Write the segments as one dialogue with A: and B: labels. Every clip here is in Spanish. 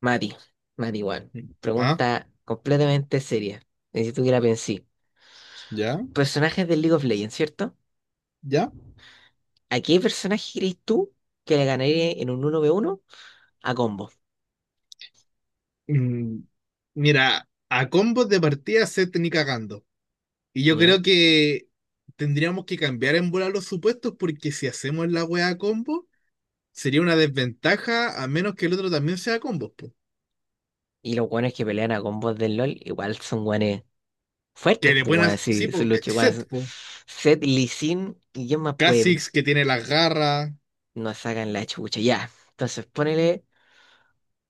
A: Mati, Juan,
B: Ah,
A: pregunta completamente seria. Necesito que la pensé.
B: ya,
A: Personajes del League of Legends, ¿cierto?
B: ya.
A: ¿A qué personaje crees tú que le ganaría en un uno v uno a combo?
B: Mm, mira, a combos de partida se te ni cagando. Y yo
A: ¿Ya?
B: creo que tendríamos que cambiar en bola los supuestos porque si hacemos la wea a combo, sería una desventaja a menos que el otro también sea combos, po.
A: Y los guanes que pelean a combos del LoL igual son guanes
B: Que
A: fuertes,
B: le
A: pues
B: pueden
A: guanes,
B: hacer, sí,
A: sí, son
B: po,
A: los guanes.
B: set, po.
A: Zed, Lee Sin y quién más puede
B: Kha'Zix que tiene las garras.
A: nos sacan la chucha, ya. Entonces ponele,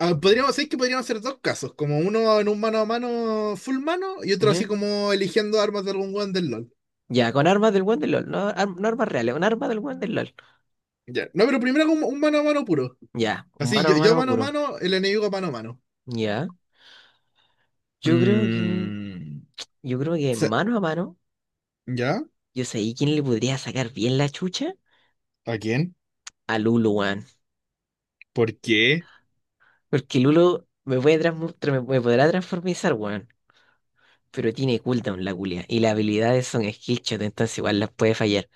B: Ah, podríamos decir que podríamos hacer dos casos, como uno en un mano a mano full mano y otro así
A: ¿ya?
B: como eligiendo armas de algún weón del LOL.
A: Ya, con armas del buen del LOL, no, no armas reales, un arma del buen del LOL.
B: Ya. No, pero primero un mano a mano puro.
A: Ya, un
B: Así,
A: mano a
B: yo
A: mano
B: mano a
A: puro.
B: mano, el enemigo mano a mano.
A: Ya. Yo creo que.
B: Mm,
A: Yo creo que
B: se-
A: mano a mano,
B: ¿ya?
A: yo sé quién le podría sacar bien la chucha
B: ¿A quién?
A: a Lulu, weón.
B: ¿Por qué?
A: Porque Lulu me puede me podrá transformizar, weón. Pero tiene cooldown la culia. Y las habilidades son skillshot, entonces igual las puede fallar.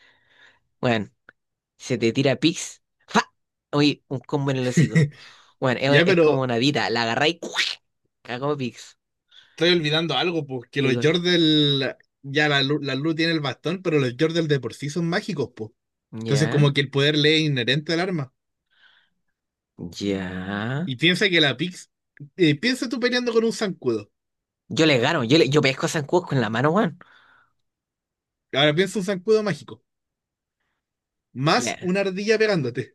A: Weón, se te tira Pix. ¡Fa! Oye, un combo en el hocico. Weón,
B: Ya,
A: es como
B: pero
A: una dita. ¡La agarrá y cuac! Cagó Pix.
B: estoy olvidando algo, pues, que
A: ¿Qué
B: los
A: cosa?
B: Yordle, ya la, la luz tiene el bastón, pero los Yordle de por sí son mágicos, pues. Entonces,
A: Ya,
B: como que el poder le es inherente al arma.
A: ya.
B: Y piensa que la Pix, piensa tú peleando con un zancudo.
A: Yo le gano, yo pesco a Zancudo con la mano, weón.
B: Ahora piensa un zancudo mágico, más
A: Ya.
B: una ardilla pegándote.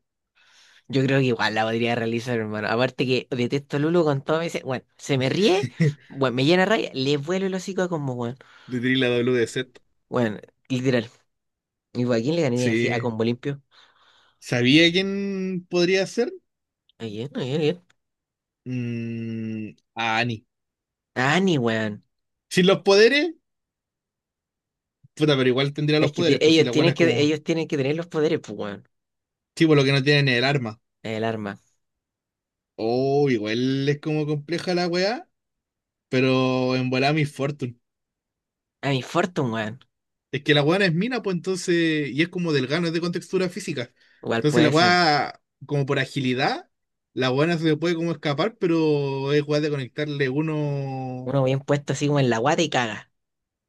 A: Yo creo que igual la podría realizar, hermano. Aparte que detesto a Lulu con todo. Me dice, bueno, se me ríe, bueno, me llena raya, le vuelo el hocico a combo, bueno.
B: Le tiré la W de set.
A: Bueno, literal. ¿Y a quién le ganaría así a
B: Sí.
A: combo limpio?
B: ¿Sabía quién podría ser?
A: ¿A quién? ¿A quién? ¿A quién?
B: Mm, a Annie.
A: A Annie, weón.
B: Sin los poderes, puta, pero igual tendría
A: Es
B: los
A: que
B: poderes, pues si la buena es como,
A: ellos tienen que tener los poderes, pues, weón.
B: tipo, lo que no tienen es el arma.
A: El arma.
B: Oh, igual es como compleja la weá, pero en volada Miss Fortune.
A: A mi Fortune, weón.
B: Es que la buena es mina, pues entonces, y es como delgada, no es de contextura física.
A: Igual
B: Entonces la
A: puede ser.
B: weá, como por agilidad, la buena se puede como escapar, pero es weá de conectarle uno.
A: Uno bien puesto así como en la guata y caga.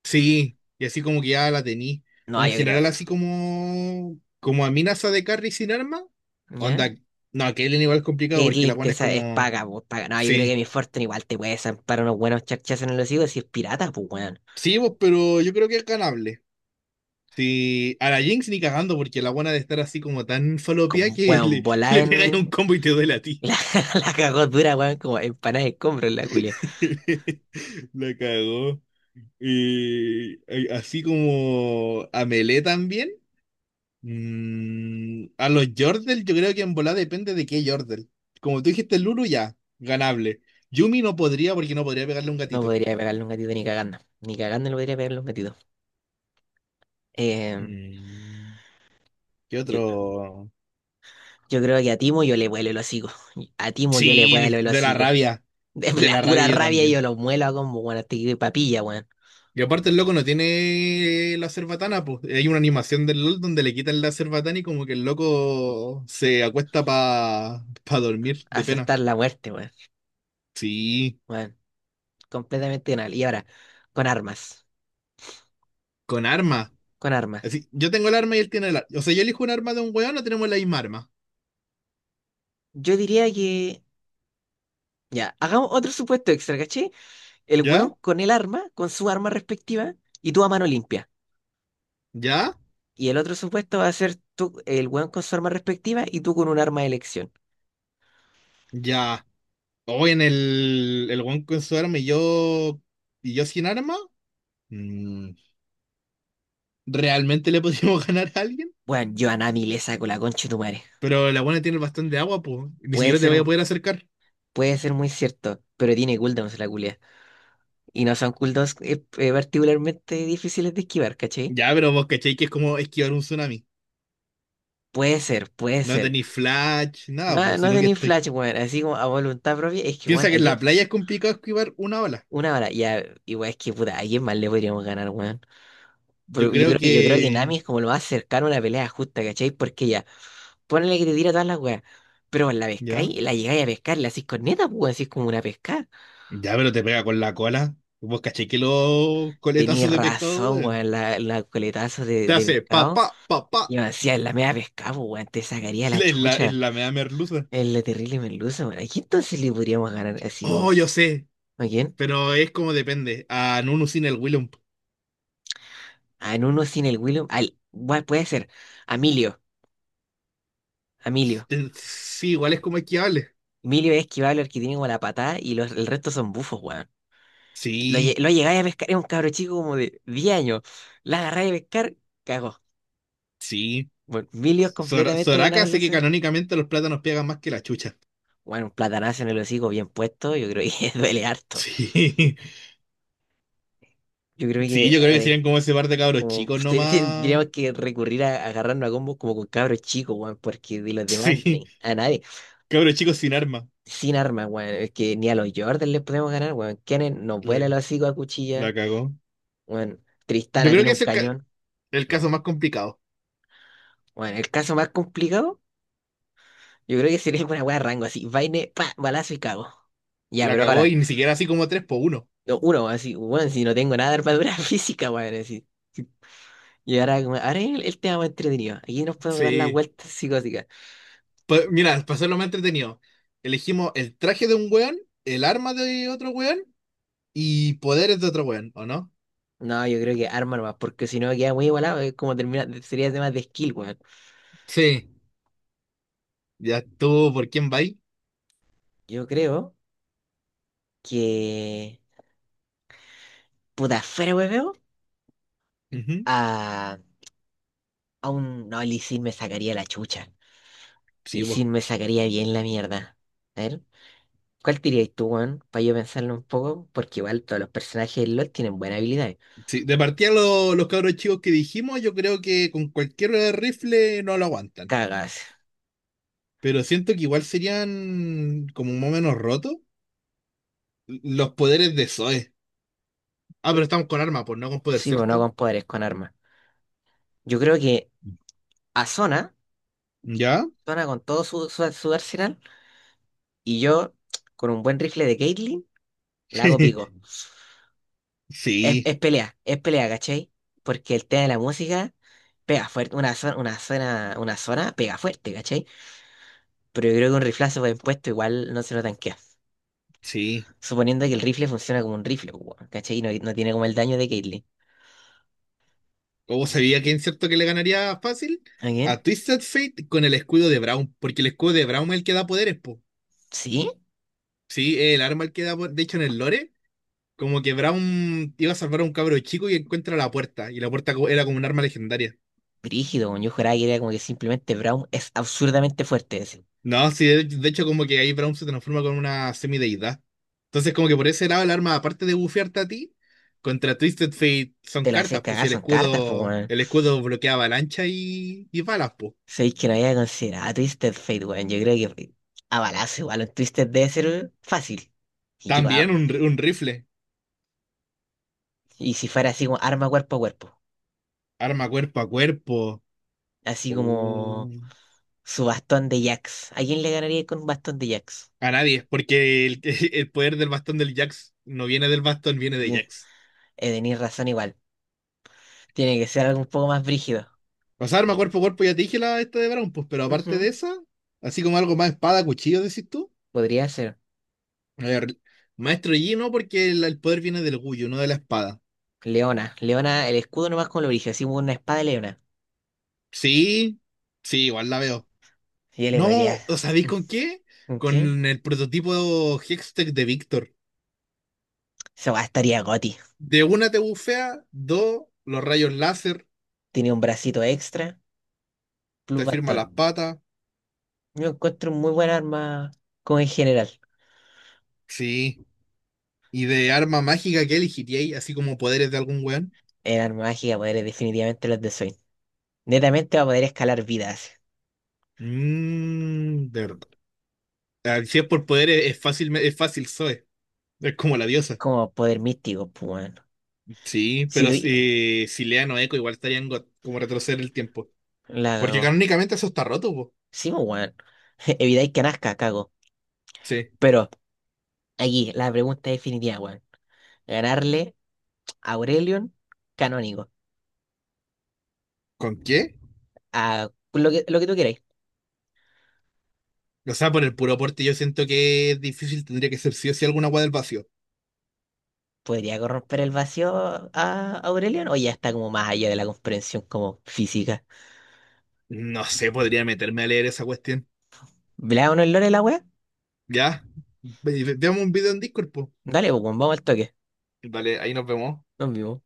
B: Sí, y así como que ya la tení. O
A: No,
B: en
A: yo creo.
B: general así como como amenaza de carry sin arma.
A: ¿Ya?
B: Onda, no, que el igual es complicado porque la buena es
A: Es
B: como
A: paga, pues, paga. No, yo creo que
B: sí.
A: mi Fortune igual te puede zampar unos buenos chachas en el hocico si es pirata, pues, weón.
B: Sí, pues, pero yo creo que es ganable. Sí, a la Jinx ni cagando porque la buena de estar así como tan falopia
A: Como,
B: que
A: weón,
B: le,
A: volá
B: le pegáis un
A: en.
B: combo y te duele a ti.
A: La, la cagó dura, weón, como empanada de escombro en la culia.
B: La cagó. Y así como a Melee también. A los Yordle, yo creo que en volada depende de qué Yordle. Como tú dijiste, Lulu ya, ganable. Yumi no podría porque no podría pegarle a un
A: No
B: gatito.
A: podría pegarle un gatito ni cagando. Ni cagando le podría pegarle un gatito. Eh,
B: Mm, ¿qué
A: yo,
B: otro?
A: yo creo que a Timo yo le vuelo el hocico. A Timo yo le vuelo
B: Sí,
A: el
B: de la
A: hocico.
B: rabia.
A: De
B: De
A: la
B: la rabia
A: pura
B: yo
A: rabia
B: también.
A: yo lo muelo a como, weón, hasta que papilla, weón.
B: Y aparte el loco no tiene la cerbatana, pues. Hay una animación del LOL donde le quitan la cerbatana y como que el loco se acuesta para pa pa dormir de pena.
A: Aceptar la muerte, weón.
B: Sí,
A: Weón, completamente anal. Y ahora, con armas.
B: con arma.
A: Con armas.
B: Así, yo tengo el arma y él tiene el arma. O sea, yo elijo un arma de un weón, no tenemos la misma arma.
A: Yo diría que. Ya, hagamos otro supuesto extra, ¿caché? El
B: ¿Ya?
A: weón con el arma, con su arma respectiva, y tú a mano limpia.
B: ¿Ya?
A: Y el otro supuesto va a ser tú, el weón con su arma respectiva y tú con un arma de elección.
B: ¿Ya? Hoy en el weón con su arma y y yo sin arma, mm, ¿realmente le podríamos ganar a alguien?
A: Bueno, yo a Nami le saco la concha de tu madre.
B: Pero la buena tiene bastante agua, pues. Ni
A: Puede
B: siquiera te
A: ser,
B: vaya a
A: un-
B: poder acercar.
A: puede ser muy cierto, pero tiene cooldowns la culia. Y no son cooldowns particularmente difíciles de esquivar, ¿cachai?
B: Ya, pero vos cachai que es como esquivar un tsunami.
A: Puede ser, puede
B: No
A: ser.
B: tenéis flash, nada,
A: No,
B: pues,
A: no
B: sino que
A: tenéis
B: estoy.
A: flash, weón, así como a voluntad propia. Es que, weón,
B: Piensa que en la playa es complicado esquivar una ola.
A: una hora, ya, igual es que, puta, ¿a quién más le podríamos ganar, weón?
B: Yo
A: Pero
B: creo
A: yo creo que Nami
B: que.
A: es como lo más cercano a una pelea justa, ¿cachai? Porque ya, ponle que te tira todas las weas. Pero la
B: Ya.
A: pescáis, la llegáis a pescar, la hacís corneta, pues, weón, así como una pesca.
B: Ya, pero te pega con la cola. Vos cachai que los coletazos
A: Tenéis
B: de pescado,
A: razón,
B: duelen.
A: weón, la coletazo
B: Te
A: de
B: hace pa,
A: pescado.
B: pa, pa, pa.
A: Y me decía, la media pescado, pues, weón, te sacaría la
B: En
A: chucha.
B: en la mea merluza.
A: Es la terrible merluza, weón. ¿A quién entonces le podríamos ganar así
B: Oh,
A: como?
B: yo sé,
A: ¿A quién?
B: pero es como depende. A Nunu sin el Willump.
A: A en uno sin el William. Al, weón, puede ser. A Emilio, a Emilio.
B: Sí, igual es como esquiable.
A: Emilio es esquivable, el que tiene como la patada y los, el resto son bufos, weón.
B: Sí,
A: Lo llegáis a pescar, es un cabro chico como de 10 años. La agarráis a pescar, cagó.
B: sí.
A: Bueno, milios completamente
B: Soraka sé
A: ganables.
B: que
A: Ese.
B: canónicamente los plátanos pegan más que la chucha.
A: Bueno, un platanazo en el hocico bien puesto, yo creo que duele harto.
B: Sí,
A: Yo creo
B: sí,
A: que,
B: yo
A: a
B: creo
A: ver,
B: que serían como ese par de cabros
A: como
B: chicos nomás.
A: tendríamos que recurrir a, agarrarnos a combos como con cabros chicos, weón, porque de los demás,
B: Sí,
A: a nadie,
B: cabros chicos sin arma.
A: sin armas, weón, es que ni a los Jordan les podemos ganar, weón. Kennen nos
B: La,
A: vuela el hocico a cuchilla,
B: la cagó.
A: weón.
B: Yo
A: Tristana
B: creo
A: tiene
B: que
A: un
B: es
A: cañón.
B: el caso más complicado.
A: Bueno, el caso más complicado. Yo creo que sería una weá rango así. Vaine, pa, balazo y cago. Ya,
B: La
A: pero
B: cagó
A: ahora,
B: y ni siquiera así como 3 por uno.
A: no, uno, así, bueno, si no tengo nada de armadura física, weón, así. Y ahora, ahora es el tema más entretenido. Aquí nos podemos dar las
B: Sí.
A: vueltas psicóticas.
B: Pa- mira, para hacerlo más entretenido, elegimos el traje de un weón, el arma de otro weón y poderes de otro weón, ¿o no?
A: No, yo creo que arma nomás, porque si no queda muy igualado, es como termina, sería tema de skill, weón.
B: Sí. Ya estuvo por quién va ahí.
A: Yo creo que. Puta, fuera, weón,
B: Ujú.
A: a, a un. No, el Lee Sin me sacaría la chucha.
B: Sí,
A: Lee
B: vos.
A: Sin me sacaría bien la mierda. A ver. ¿Cuál dirías tú, weón? Para yo pensarlo un poco, porque igual todos los personajes del LoL tienen buenas habilidades.
B: Sí, de partida los cabros chicos que dijimos, yo creo que con cualquier rifle no lo aguantan.
A: Cagas.
B: Pero siento que igual serían como más o menos rotos los poderes de Zoe. Ah, pero estamos con arma, pues no con poder,
A: Sí, pero no
B: ¿cierto?
A: con poderes, con armas. Yo creo que a Zona,
B: ¿Ya?
A: Zona con todo su arsenal, y yo con un buen rifle de Caitlyn, la hago pico.
B: Sí,
A: Es pelea, ¿cachai? Porque el tema de la música pega fuerte, una zona, una zona, una zona pega fuerte, ¿cachai? Pero yo creo que un riflazo bien puesto igual no se lo tanquea.
B: sí.
A: Suponiendo que el rifle funciona como un rifle, pues, weón, ¿cachai? Y no, no tiene como el daño de Caitlyn.
B: ¿Cómo sabía quién cierto que le ganaría fácil?
A: ¿Alguien?
B: A Twisted Fate con el escudo de Brown, porque el escudo de Brown es el que da poderes, po.
A: ¿Sí?
B: Sí, es el arma el que da poderes. De hecho, en el lore, como que Brown iba a salvar a un cabro chico y encuentra la puerta, y la puerta era como un arma legendaria.
A: Brígido, weón. Yo juraba que era como que simplemente Brown es absurdamente fuerte. Así.
B: No, sí, de hecho, como que ahí Brown se transforma con una semideidad. Entonces, como que por ese lado, el arma, aparte de bufearte a ti, contra Twisted Fate son
A: Te la haces
B: cartas, pues
A: cagar,
B: si el
A: son cartas, pues,
B: escudo,
A: weón.
B: el escudo bloquea avalancha y balas, pues.
A: Sabéis que no había considerado a Twisted Fate, weón. Yo creo que a balazo igual un Twisted debe ser fácil. Y, que va-
B: También un rifle.
A: y si fuera así como arma cuerpo a cuerpo.
B: Arma cuerpo a cuerpo.
A: Así como
B: Uh,
A: su bastón de Jax. ¿A quién le ganaría con un bastón de Jax?
B: A nadie, porque el, el poder del bastón del Jax no viene del bastón, viene de
A: Bien,
B: Jax.
A: tenéis razón igual. Tiene que ser algo un poco más brígido.
B: O sea, arma cuerpo a cuerpo, ya te dije la esta de Brown, pues, pero aparte de
A: Ujú.
B: esa, así como algo más espada, cuchillo, decís tú.
A: Podría ser.
B: A ver, Maestro Yi no, porque el poder viene del orgullo, no de la espada.
A: Leona. Leona, el escudo nomás con lo brígido, así como una espada de leona.
B: Sí, sí, igual la veo.
A: Y yo le podría.
B: No, ¿o sabéis con qué?
A: Ok.
B: Con el prototipo Hextech de Víctor.
A: Esa weá estaría goti.
B: De una te bufea, dos, los rayos láser,
A: Tiene un bracito extra, plus
B: te firma las
A: bastón.
B: patas.
A: Yo encuentro muy buena arma como en general.
B: Sí. ¿Y de arma mágica qué elegiríais? Así como poderes de algún weón.
A: El arma mágica poder es definitivamente los de Zoid. Netamente va a poder escalar vidas.
B: Mmm, de verdad. Ah, si es por poderes, es fácil, Zoe. Es como la diosa.
A: Como poder místico, pues weón.
B: Sí,
A: Si
B: pero
A: doy-
B: si, si Leano Echo igual estaría en God, como retroceder el tiempo.
A: la
B: Porque
A: cago.
B: canónicamente eso está roto, po.
A: Sí, pues weón. Evitáis que nazca, cago.
B: Sí.
A: Pero aquí, la pregunta definitiva, weón. Ganarle a Aurelion canónico.
B: ¿Con qué?
A: Lo que tú queráis.
B: O sea, por el puro aporte yo siento que es difícil, tendría que ser sí o sí alguna agua del vacío.
A: ¿Podría corromper el vacío a Aurelion? O ya está como más allá de la comprensión como física.
B: No sé, podría meterme a leer esa cuestión.
A: ¿Le da uno el lore a la wea?
B: Ya. Veamos un video en Discord, po.
A: Dale, pues, weón, vamos al toque.
B: Vale, ahí nos vemos.
A: Nos vimos.